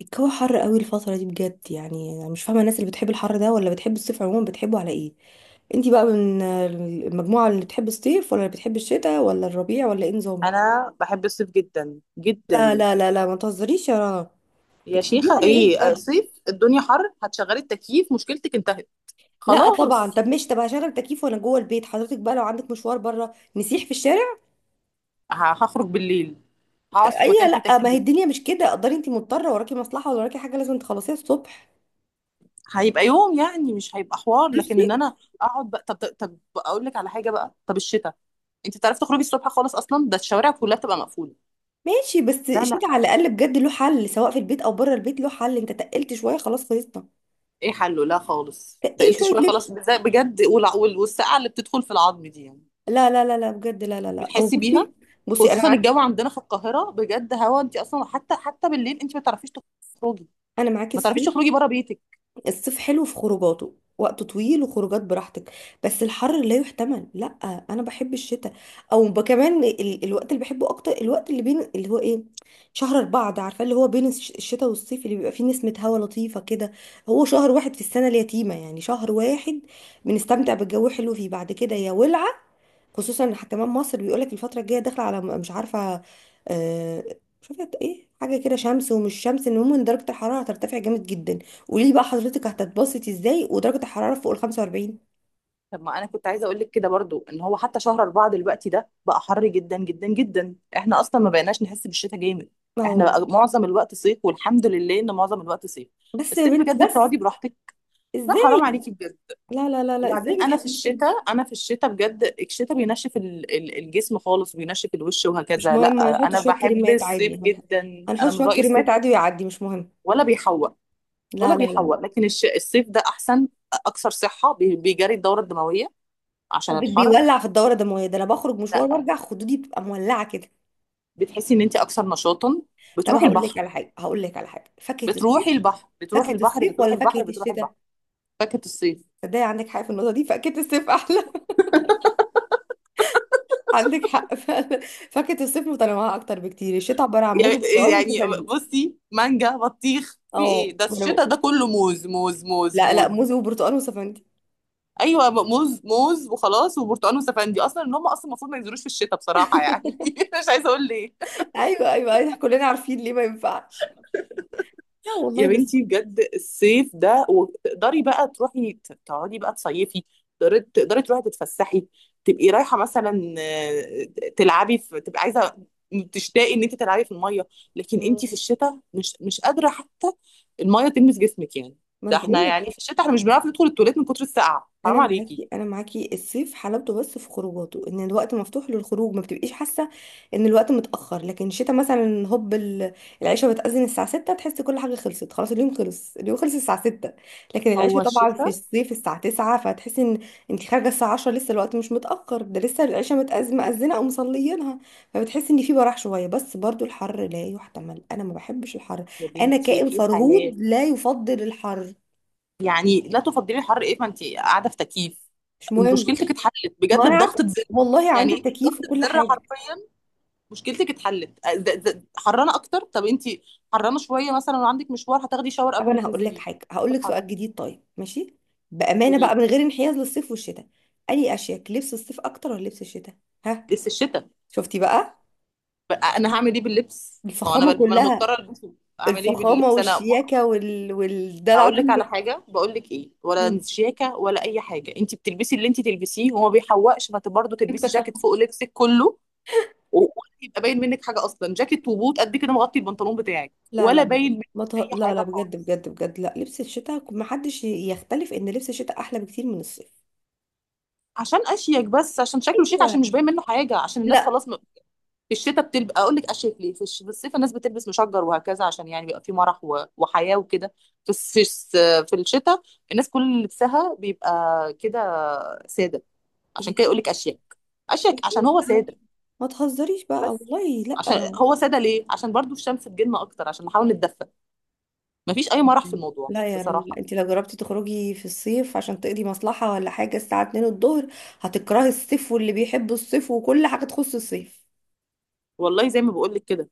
الجو حر قوي الفترة دي بجد، يعني انا مش فاهمة الناس اللي بتحب الحر ده ولا بتحب الصيف عموما. بتحبه على ايه؟ انتي بقى من المجموعة اللي بتحب الصيف ولا اللي بتحب الشتاء ولا الربيع ولا ايه نظام؟ انا بحب الصيف جدا لا جدا. لا لا لا، ما تهزريش يا رنا. يا بتحبيه شيخه على ايه ايه بجد؟ صيف الدنيا حر، هتشغلي التكييف مشكلتك انتهت لا طبعا. خلاص. طب مش، طب هشغل تكييف وانا جوه البيت، حضرتك بقى لو عندك مشوار بره نسيح في الشارع. هخرج بالليل، طب هقعد في اي، مكان فيه لا، ما هي تكييف. الدنيا مش كده قدري، انتي مضطرة، وراكي مصلحة ولا وراكي حاجة لازم تخلصيها الصبح. هيبقى يوم يعني، مش هيبقى حوار، لكن بصي، ان انا اقعد بقى. طب اقول لك على حاجه بقى. طب الشتاء، انت بتعرفي تخرجي الصبح خالص اصلا؟ ده الشوارع كلها بتبقى مقفوله. ماشي، بس لا الشتاء على لا. الاقل بجد له حل، سواء في البيت او بره البيت له حل. انت تقلت شوية خلاص خلصنا. ايه حله؟ لا خالص. ايه؟ تقلت شويه شويه لبس. خلاص بجد، والسقعه اللي بتدخل في العظم دي يعني، لا لا لا لا بجد، لا لا مش لا، او بتحسي بيها؟ بصي. بصي انا خصوصا معاك، الجو عندنا في القاهره بجد، هوا انت اصلا حتى بالليل انت ما تعرفيش تخرجي، انا معاكي ما تعرفيش الصيف. تخرجي بره بيتك. الصيف حلو في خروجاته، وقت طويل وخروجات براحتك، بس الحر لا يحتمل، لا. انا بحب الشتاء. او كمان الوقت اللي بحبه اكتر، الوقت اللي بين اللي هو ايه، شهر أربعة ده، عارفه اللي هو بين الشتاء والصيف، اللي بيبقى فيه نسمه هوا لطيفه كده. هو شهر واحد في السنه اليتيمه، يعني شهر واحد بنستمتع بالجو حلو فيه، بعد كده يا ولعه. خصوصا ان كمان مصر بيقولك الفتره الجايه داخله على مش عارفه، آه، مش عارفه ايه، حاجه كده شمس ومش شمس، المهم ان درجه الحراره هترتفع جامد جدا. قولي لي بقى، حضرتك هتتبسطي ازاي ودرجه الحراره فوق ال 45؟ طب ما انا كنت عايزه اقول لك كده برضو، ان هو حتى شهر اربعه دلوقتي ده بقى حر جدا جدا جدا. احنا اصلا ما بقيناش نحس بالشتاء جامد. احنا اهو. بقى معظم الوقت صيف، والحمد لله ان معظم الوقت صيف. بس يا الصيف بنت بجد بس. بتقعدي براحتك. لا حرام ازاي؟ عليكي بجد. لا لا لا لا، وبعدين ازاي انا في بتحبي السن؟ الشتاء، بجد، الشتاء بينشف الجسم خالص، وبينشف الوش مش وهكذا. لا مهم، هنحط انا شويه بحب كريمات عادي، الصيف جدا، هنحط انا من شويه رايي الصيف. كريمات عادي ويعدي، مش مهم. ولا بيحوق، ولا لا لا لا لا. بيحوق. لكن الصيف ده احسن، اكثر صحه، بيجري الدوره الدمويه عشان قصدك الحر. بيولع في الدوره الدمويه؟ ده انا بخرج مشوار لا، وارجع خدودي بتبقى مولعه كده. بتحسي ان انت اكثر نشاطا، طب بتروحي هقول لك البحر. على حاجه، هقول لك على حاجه، فاكهه الصيف، بتروحي البحر، بتروحي فاكهة البحر، الصيف بتروحي ولا البحر، فاكهة بتروحي البحر. الشتاء؟ فاكهه الصيف، تصدقي عندك حق في النقطة دي، فاكهة الصيف أحلى. عندك حق فعلا. فاكهة الصيف متنوعة أكتر بكتير. الشتاء عبارة عن موز وبرتقال يعني وسفندي. بصي، مانجا، بطيخ، في ايه؟ اه، ده ما أنا الشتاء بقول- ده كله موز، موز، موز، لا لا، موز. موز وبرتقال وسفندي. ايوه موز موز، وخلاص، وبرتقال وسفندي اصلا. ان هم اصلا المفروض ما ينزلوش في الشتاء بصراحه يعني. مش عايزه اقول ليه. أيوه أيوه، إحنا كلنا عارفين ليه ما ينفعش. لا يا والله، بس. بنتي بجد الصيف ده، وتقدري بقى تروحي تقعدي بقى تصيفي. تقدري، تروحي تتفسحي، تبقي رايحه مثلا تلعبي، في تبقي عايزه تشتاقي ان انت تلعبي في الميه، لكن انت في مم. الشتاء مش قادره حتى الميه تلمس جسمك يعني. ما ده أنا بقول احنا لك. يعني في الشتاء احنا مش بنعرف ندخل التواليت من كتر السقعه، انا حرام عليكي. معاكي، انا معاكي الصيف حلاوته بس في خروجاته، ان الوقت مفتوح للخروج، ما بتبقيش حاسه ان الوقت متاخر. لكن الشتاء مثلا، هوب العشاء بتاذن الساعه 6، تحسي كل حاجه خلصت خلاص، اليوم خلص، اليوم خلص الساعه 6. لكن هو العشاء طبعا في الشتاء. الصيف الساعه 9، فتحسي ان انت خارجه الساعه 10 لسه الوقت مش متاخر، ده لسه العشاء مأذنه او مصليينها. فبتحسي ان في براح شويه، بس برضو الحر لا يحتمل، انا ما بحبش الحر. يا انا بنتي كائن في حياه فرهود لا يفضل الحر. يعني، لا تفضلي الحر ايه؟ ما انت قاعده في تكييف، مش مهم. مشكلتك اتحلت ما بجد انا عارفه. بضغطه زر. والله عندي يعني انت التكييف بضغطه وكل زر حاجه. حرفيا مشكلتك اتحلت. حرانه اكتر؟ طب انت حرانه شويه مثلا وعندك مشوار، هتاخدي شاور طب قبل ما انا هقول لك تنزلي حاجه، هقول في لك الحر. سؤال جديد، طيب ماشي، بامانه قولي بقى لي. من غير انحياز للصيف والشتاء، اني اشيك لبس الصيف اكتر ولا لبس الشتاء؟ ها؟ لسه الشتاء؟ شفتي بقى. بقى انا هعمل ايه باللبس؟ ما هو انا الفخامه ما انا كلها. مضطره البسه، اعمل ايه الفخامه باللبس؟ انا ما- والشياكه والدلع اقول لك كله. على حاجه، بقول لك ايه ولا شياكه ولا اي حاجه، انت بتلبسي اللي انت تلبسيه وما بيحوقش، ما برضه تلبسي جاكيت فوق لبسك كله. ولا يبقى باين منك حاجه اصلا، جاكيت وبوت قد كده مغطي البنطلون بتاعك، لا لا ولا لا، باين منك ما ت... اي لا لا حاجه بجد خالص. بجد بجد، لا، لبس الشتاء، ما حدش يختلف ان لبس الشتاء احلى بكتير من الصيف. عشان اشيك؟ بس عشان شكله شيك، ايوه. عشان مش باين منه حاجه، عشان الناس لا. خلاص في الشتاء بتلبس، اقول لك اشيك ليه؟ في الصيف الناس بتلبس مشجر وهكذا، عشان يعني بيبقى في مرح وحياه وكده. في الس... في الس... في الشتاء الناس كل لبسها بيبقى كده ساده، عشان كده يقول لك اشيك. اشيك عشان هو ما، ساده ما تهزريش بقى، بس. والله لا. عشان هو ساده ليه؟ عشان برضو الشمس تجيلنا اكتر، عشان نحاول نتدفى. مفيش اي مرح في الموضوع لا يا رنا، بصراحه. انت لو جربتي تخرجي في الصيف عشان تقضي مصلحة ولا حاجة الساعة 2 الظهر، هتكرهي الصيف واللي بيحب الصيف وكل حاجة تخص الصيف. والله زي ما بقول لك كده،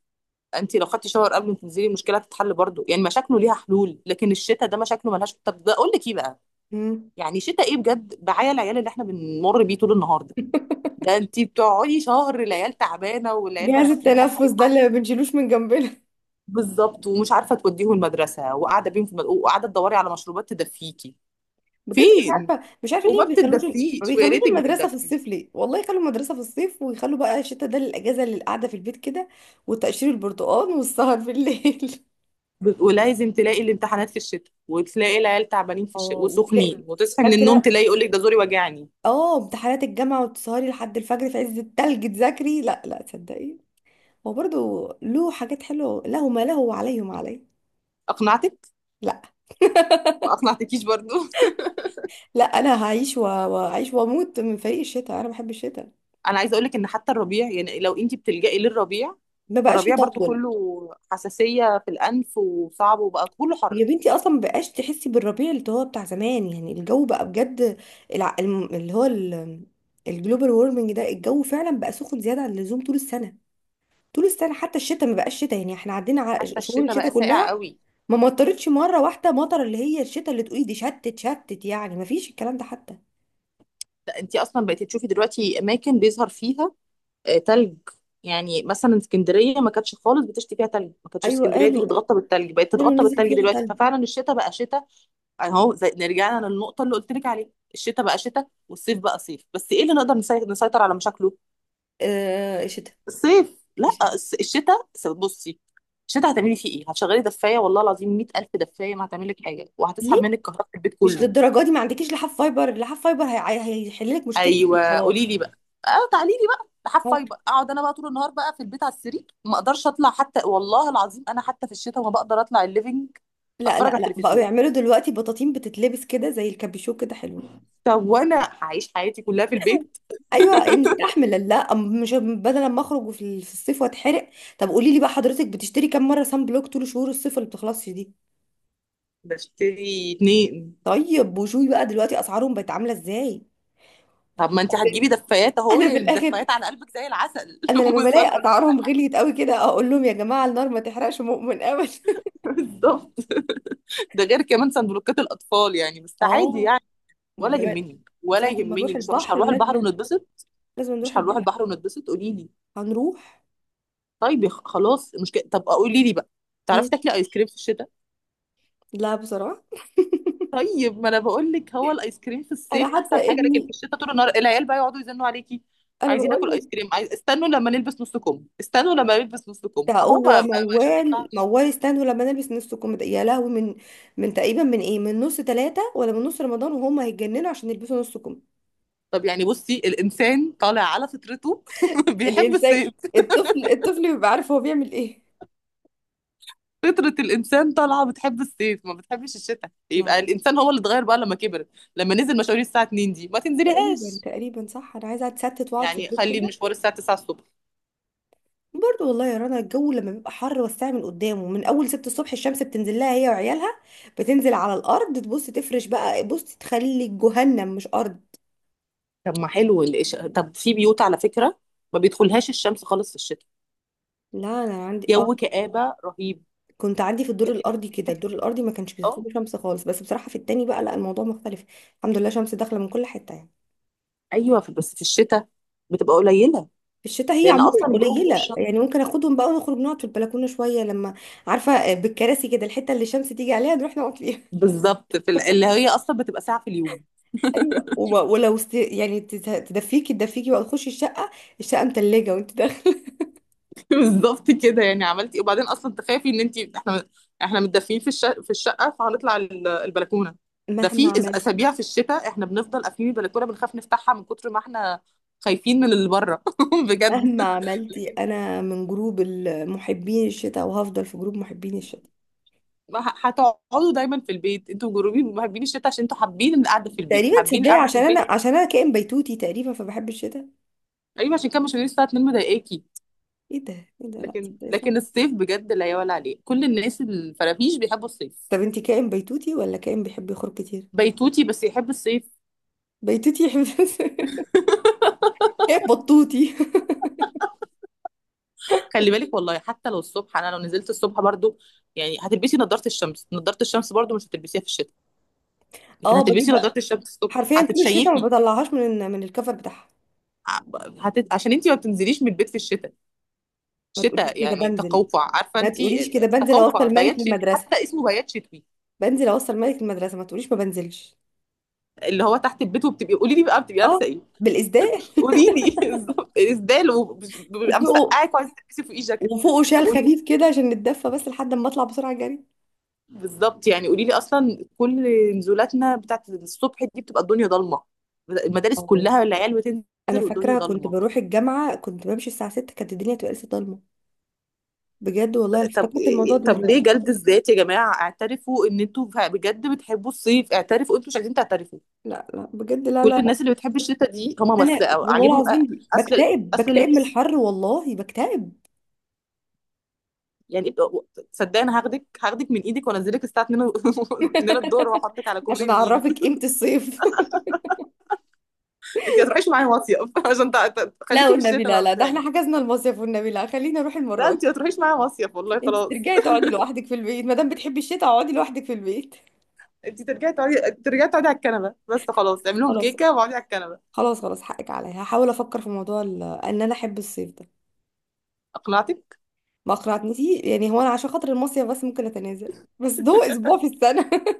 انت لو خدتي شاور قبل ما تنزلي المشكله هتتحل برضو. يعني مشاكله ليها حلول، لكن الشتاء ده مشاكله ملهاش. طب ده اقول لك ايه بقى. مم. يعني شتاء ايه بجد؟ بعيا العيال اللي احنا بنمر بيه طول النهار ده. ده انت بتقعدي شهر، العيال تعبانه والعيال جهاز مناخيرها التنفس ده سايحه. اللي ما بنشيلوش من جنبنا. بالظبط، ومش عارفه توديهم المدرسه، وقاعده بيهم في وقاعده تدوري على مشروبات تدفيكي، بجد مش فين؟ عارفة، مش عارفة ليه وما ما بيخلوش، ما بتدفيش، ويا بيخلوش ريتك المدرسة في بتدفي. الصيف ليه؟ والله يخلوا المدرسة في الصيف ويخلوا بقى الشتاء ده للأجازة اللي قاعدة في البيت كده، وتقشير البرتقال والسهر في الليل. ولازم تلاقي الامتحانات في الشتاء، وتلاقي العيال تعبانين في الشتاء اه، وتلاقي، وسخنين، وتصحي من النوم فاكرة، تلاقي يقول لك ده زوري وجعني. اه، امتحانات الجامعة وتسهري لحد الفجر في عز التلج تذاكري. لا لا، تصدقي هو برضو له حاجات حلوة، له ما له وعليه ما عليه. اقنعتك؟ لا ما اقنعتكيش برضو؟ لا، انا هعيش وهعيش واموت من فريق الشتاء، انا بحب الشتاء. انا عايزه اقول لك ان حتى الربيع، يعني لو انت بتلجئي للربيع، ما بقاش فالربيع برضو يطول. كله حساسيه في الانف، وصعب، وبقى كله حر. يا بنتي اصلا ما بقاش تحسي بالربيع اللي هو بتاع زمان، يعني الجو بقى بجد، اللي هو الجلوبال وورمنج ده، الجو فعلا بقى سخن زيادة عن اللزوم طول السنة. طول السنة حتى الشتاء ما بقاش شتاء، يعني احنا عدينا على حتى شهور الشتاء الشتاء بقى ساقع كلها، قوي. ما مطرتش مرة واحدة مطر اللي هي الشتاء اللي تقولي دي شتت شتت، يعني ما فيش الكلام ده حتى. ده انت اصلا بقيتي تشوفي دلوقتي اماكن بيظهر فيها تلج. يعني مثلا اسكندريه ما كانتش خالص بتشتي فيها تلج، ما كانتش ايوه، اسكندريه دي قالوا، بتغطى بالتلج، بقت قالوا تتغطى نزل بالتلج فيها دلوقتي. تلج. ففعلا الشتاء بقى شتاء. اهو زي نرجعنا للنقطه اللي قلت لك عليها، الشتاء بقى شتاء والصيف بقى صيف. بس ايه اللي نقدر نسيطر على مشاكله؟ آه، الشتاء. صيف. لا الشتاء الشتاء بصي، الشتاء هتعملي فيه ايه؟ هتشغلي دفايه؟ والله العظيم 100,000 دفايه ما هتعمل لك حاجه، ليه؟ وهتسحب منك كهرباء البيت مش كله. للدرجه دي، ما عندكيش لحاف فايبر؟ لحاف فايبر هيحل لك مشكلتك دي ايوه قولي خلاص. لي بقى. اه تعالي لي بقى أهو. لحفاي بقى، اقعد انا بقى طول النهار بقى في البيت على السرير، ما اقدرش اطلع حتى. والله العظيم انا حتى في الشتاء ما بقدر اطلع الليفينج لا اتفرج لا على لا، بقوا التلفزيون. يعملوا دلوقتي بطاطين بتتلبس كده زي الكابيشو كده، حلوه. طب وانا هعيش حياتي كلها في البيت؟ ايوه، نستحمل، لا مش بدل ما اخرج في في الصيف واتحرق. طب قولي لي بقى، حضرتك بتشتري كام مره سان بلوك طول شهور الصيف اللي بتخلصش دي؟ بشتري اتنين. طيب وشوي بقى دلوقتي اسعارهم بقت عامله ازاي؟ طب ما انت هتجيبي دفايات اهو، انا في يعني الاخر، الدفايات على قلبك زي العسل. انا لما وصلنا. بلاقي اسعارهم غليت قوي كده اقول لهم، يا جماعه النار ما تحرقش مؤمن ابدا. بالظبط. ده غير كمان صندوقات الاطفال، يعني بس عادي اه، يعني. ولا وجمال. يهمني، ولا وساعة ما يهمني. نروح مش البحر هنروح البحر لازم، ونتبسط؟ لازم نروح مش هنروح البحر. البحر ونتبسط، قولي لي. هنروح. طيب يا خلاص مشكله. طب قولي لي بقى، تعرفي مم. تاكلي ايس كريم في الشتاء؟ لا بصراحة. طيب ما انا بقول لك، هو الايس كريم في الصيف أنا احسن حتى حاجه، لكن في ابني، الشتاء طول النهار العيال بقى يقعدوا يزنوا عليكي، أنا عايزين بقول ناكل ايس لك كريم، عايز. استنوا لما نلبس نص كم، استنوا لما نلبس نص كم ده اهو. ما هو ما ما شباب، موال، ينفعش. موال استنوا لما نلبس نص كم ده. يا لهوي، من تقريبا من إيه، من نص ثلاثة ولا من نص رمضان وهم هيتجننوا عشان يلبسوا نص كم. طب يعني بصي، الانسان طالع على فطرته. بيحب الإنسان، الصيف. الطفل، الطفل بيبقى عارف هو بيعمل إيه. فطرة الإنسان طالعة بتحب الصيف ما بتحبش الشتاء، لا يبقى لا. الإنسان هو اللي اتغير بقى لما كبر. لما نزل مشاوير الساعة 2 دي ما تقريبا تنزليهاش، تقريبا صح، أنا عايزة أتستت وأقعد في يعني البيت خلي كده. المشوار الساعة 9 الصبح. برضه والله يا رنا، الجو لما بيبقى حر والساعة من قدامه من أول ست الصبح الشمس بتنزل لها هي وعيالها، بتنزل على الأرض تبص تفرش بقى بص، تخلي جهنم مش أرض. طب ما حلو طب في بيوت على فكرة ما بيدخلهاش الشمس خالص في الشتاء، لا، أنا عندي، اه، جو كآبة رهيب. كنت عندي في الدور لكن الأرضي كده، تحس، الدور الأرضي ما كانش اه. بيدخله شمس خالص، بس بصراحة في التاني بقى لا، الموضوع مختلف. الحمد لله شمس داخلة من كل حتة يعني. ايوه بس في الشتاء بتبقى قليلة، في الشتاء هي لأن عموما أصلا الجو فوق قليلة يعني، الشمس. ممكن اخدهم بقى ونخرج نقعد في البلكونة شوية، لما، عارفة، بالكراسي كده، الحتة اللي الشمس تيجي عليها نروح نقعد فيها. بالظبط، اللي هي أصلا بتبقى ساعة في اليوم. ايوه، ولو يعني تدفيكي تدفيكي بقى تخشي الشقه، الشقه متلجه وانت داخله. بالظبط كده. يعني عملتي إيه؟ وبعدين اصلا تخافي، ان انت احنا، احنا متدفيين في الشقه، فهنطلع البلكونه؟ ده مهما في عملتي، اسابيع في الشتاء احنا بنفضل قافلين البلكونه، بنخاف نفتحها من كتر ما احنا خايفين من اللي بره. مهما بجد. عملتي، لكن انا من جروب محبين الشتاء وهفضل في جروب محبين الشتاء. ما هتقعدوا دايما في البيت، انتوا جروبي محبين الشتاء عشان انتوا حابين القعده في البيت، تقريبا، حابين تصدقي القعده في عشان البيت. انا، عشان انا كائن بيتوتي تقريبا، فبحب الشتاء. ايوه عشان كده مش هنيجي الساعه 2 مضايقاكي. ايه ده؟ ايه ده؟ لا لكن تصدقي، صح. الصيف بجد لا يعلى عليه، كل الناس الفرافيش بيحبوا الصيف. طب انت كائن بيتوتي ولا كائن بيحب يخرج كتير؟ بيتوتي بس يحب الصيف. بيتوتي يحب. كائن بطوطي. خلي بالك، والله حتى لو الصبح انا لو نزلت الصبح برضو، يعني هتلبسي نظارة الشمس. نظارة الشمس برضو مش هتلبسيها في الشتاء، لكن اه بجيب هتلبسي بقى. نظارة الشمس الصبح، حرفيا طول الشتاء ما هتتشيكي. بطلعهاش من الكفر بتاعها. ع- عشان انت ما بتنزليش من البيت في الشتاء. ما تقوليش شتاء كده، يعني بنزل، تقوقع، عارفه ما انت؟ تقوليش كده، بنزل تقوقع، اوصل ملك بيات شتوي، للمدرسه، حتى اسمه بيات شتوي. بنزل اوصل مالك المدرسه، ما تقوليش ما بنزلش. اللي هو تحت البيت. وبتبقي، قولي لي بقى، بتبقي لابسه اه، ايه؟ بالاسدال. قولي لي. بالظبط، اسدال، وبيبقى وفوقه، مسقعك وعايزه تلبسي فوقيه جاكيت. وفوقه طب شال قولي، خفيف كده عشان نتدفى، بس لحد ما اطلع بسرعه جري. بالظبط. يعني قولي لي اصلا، كل نزولاتنا بتاعت الصبح دي بتبقى الدنيا ضلمه. المدارس اه، كلها العيال بتنزل انا والدنيا فاكره كنت ضلمه. بروح الجامعه كنت بمشي الساعه 6 كانت الدنيا تبقى لسه ضلمه، بجد والله، انا طب، افتكرت الموضوع ده طب ليه دلوقتي. جلد الذات يا جماعه؟ اعترفوا ان انتوا بجد بتحبوا الصيف. اعترفوا، انتوا مش عايزين تعترفوا. لا لا بجد، لا كل لا الناس لا، اللي بتحب الشتاء دي هم بس انا والله عاجبهم العظيم اصل، بكتئب، اصل بكتئب من اللبس الحر والله، بكتئب. يعني. صدقني أنا هاخدك، من ايدك وانزلك الساعه 2، 2 الظهر، واحطك على كوبري عشان النيل اعرفك قيمه الصيف. انت ما تروحيش معايا مصيف. عشان لا خليكي في والنبي الشتاء لا بقى لا، ده احنا بتاعي. حجزنا المصيف والنبي، لا خلينا نروح لا المره دي. انت ما تروحيش معايا مصيف والله، انت خلاص. ترجعي تقعدي لوحدك في البيت ما دام بتحبي الشتاء، اقعدي لوحدك في البيت. انت ترجعي تقعدي، ترجعي تقعي على الكنبه بس. خلاص اعمل لهم خلاص. كيكه واقعدي على الكنبه. خلاص خلاص، حقك عليا، هحاول افكر في موضوع ان انا احب الصيف ده. اقنعتك؟ ما اقنعتنيش، يعني هو انا عشان خاطر المصيف بس ممكن اتنازل، بس ده اسبوع في السنه.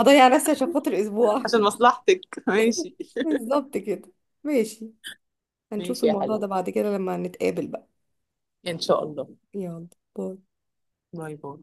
هضيع نفسي عشان خاطر اسبوع. عشان مصلحتك. ماشي. بالظبط كده. ماشي. هنشوف ماشي يا الموضوع ده حلو، بعد كده لما نتقابل بقى. ان شاء الله. يلا. باي. باي باي.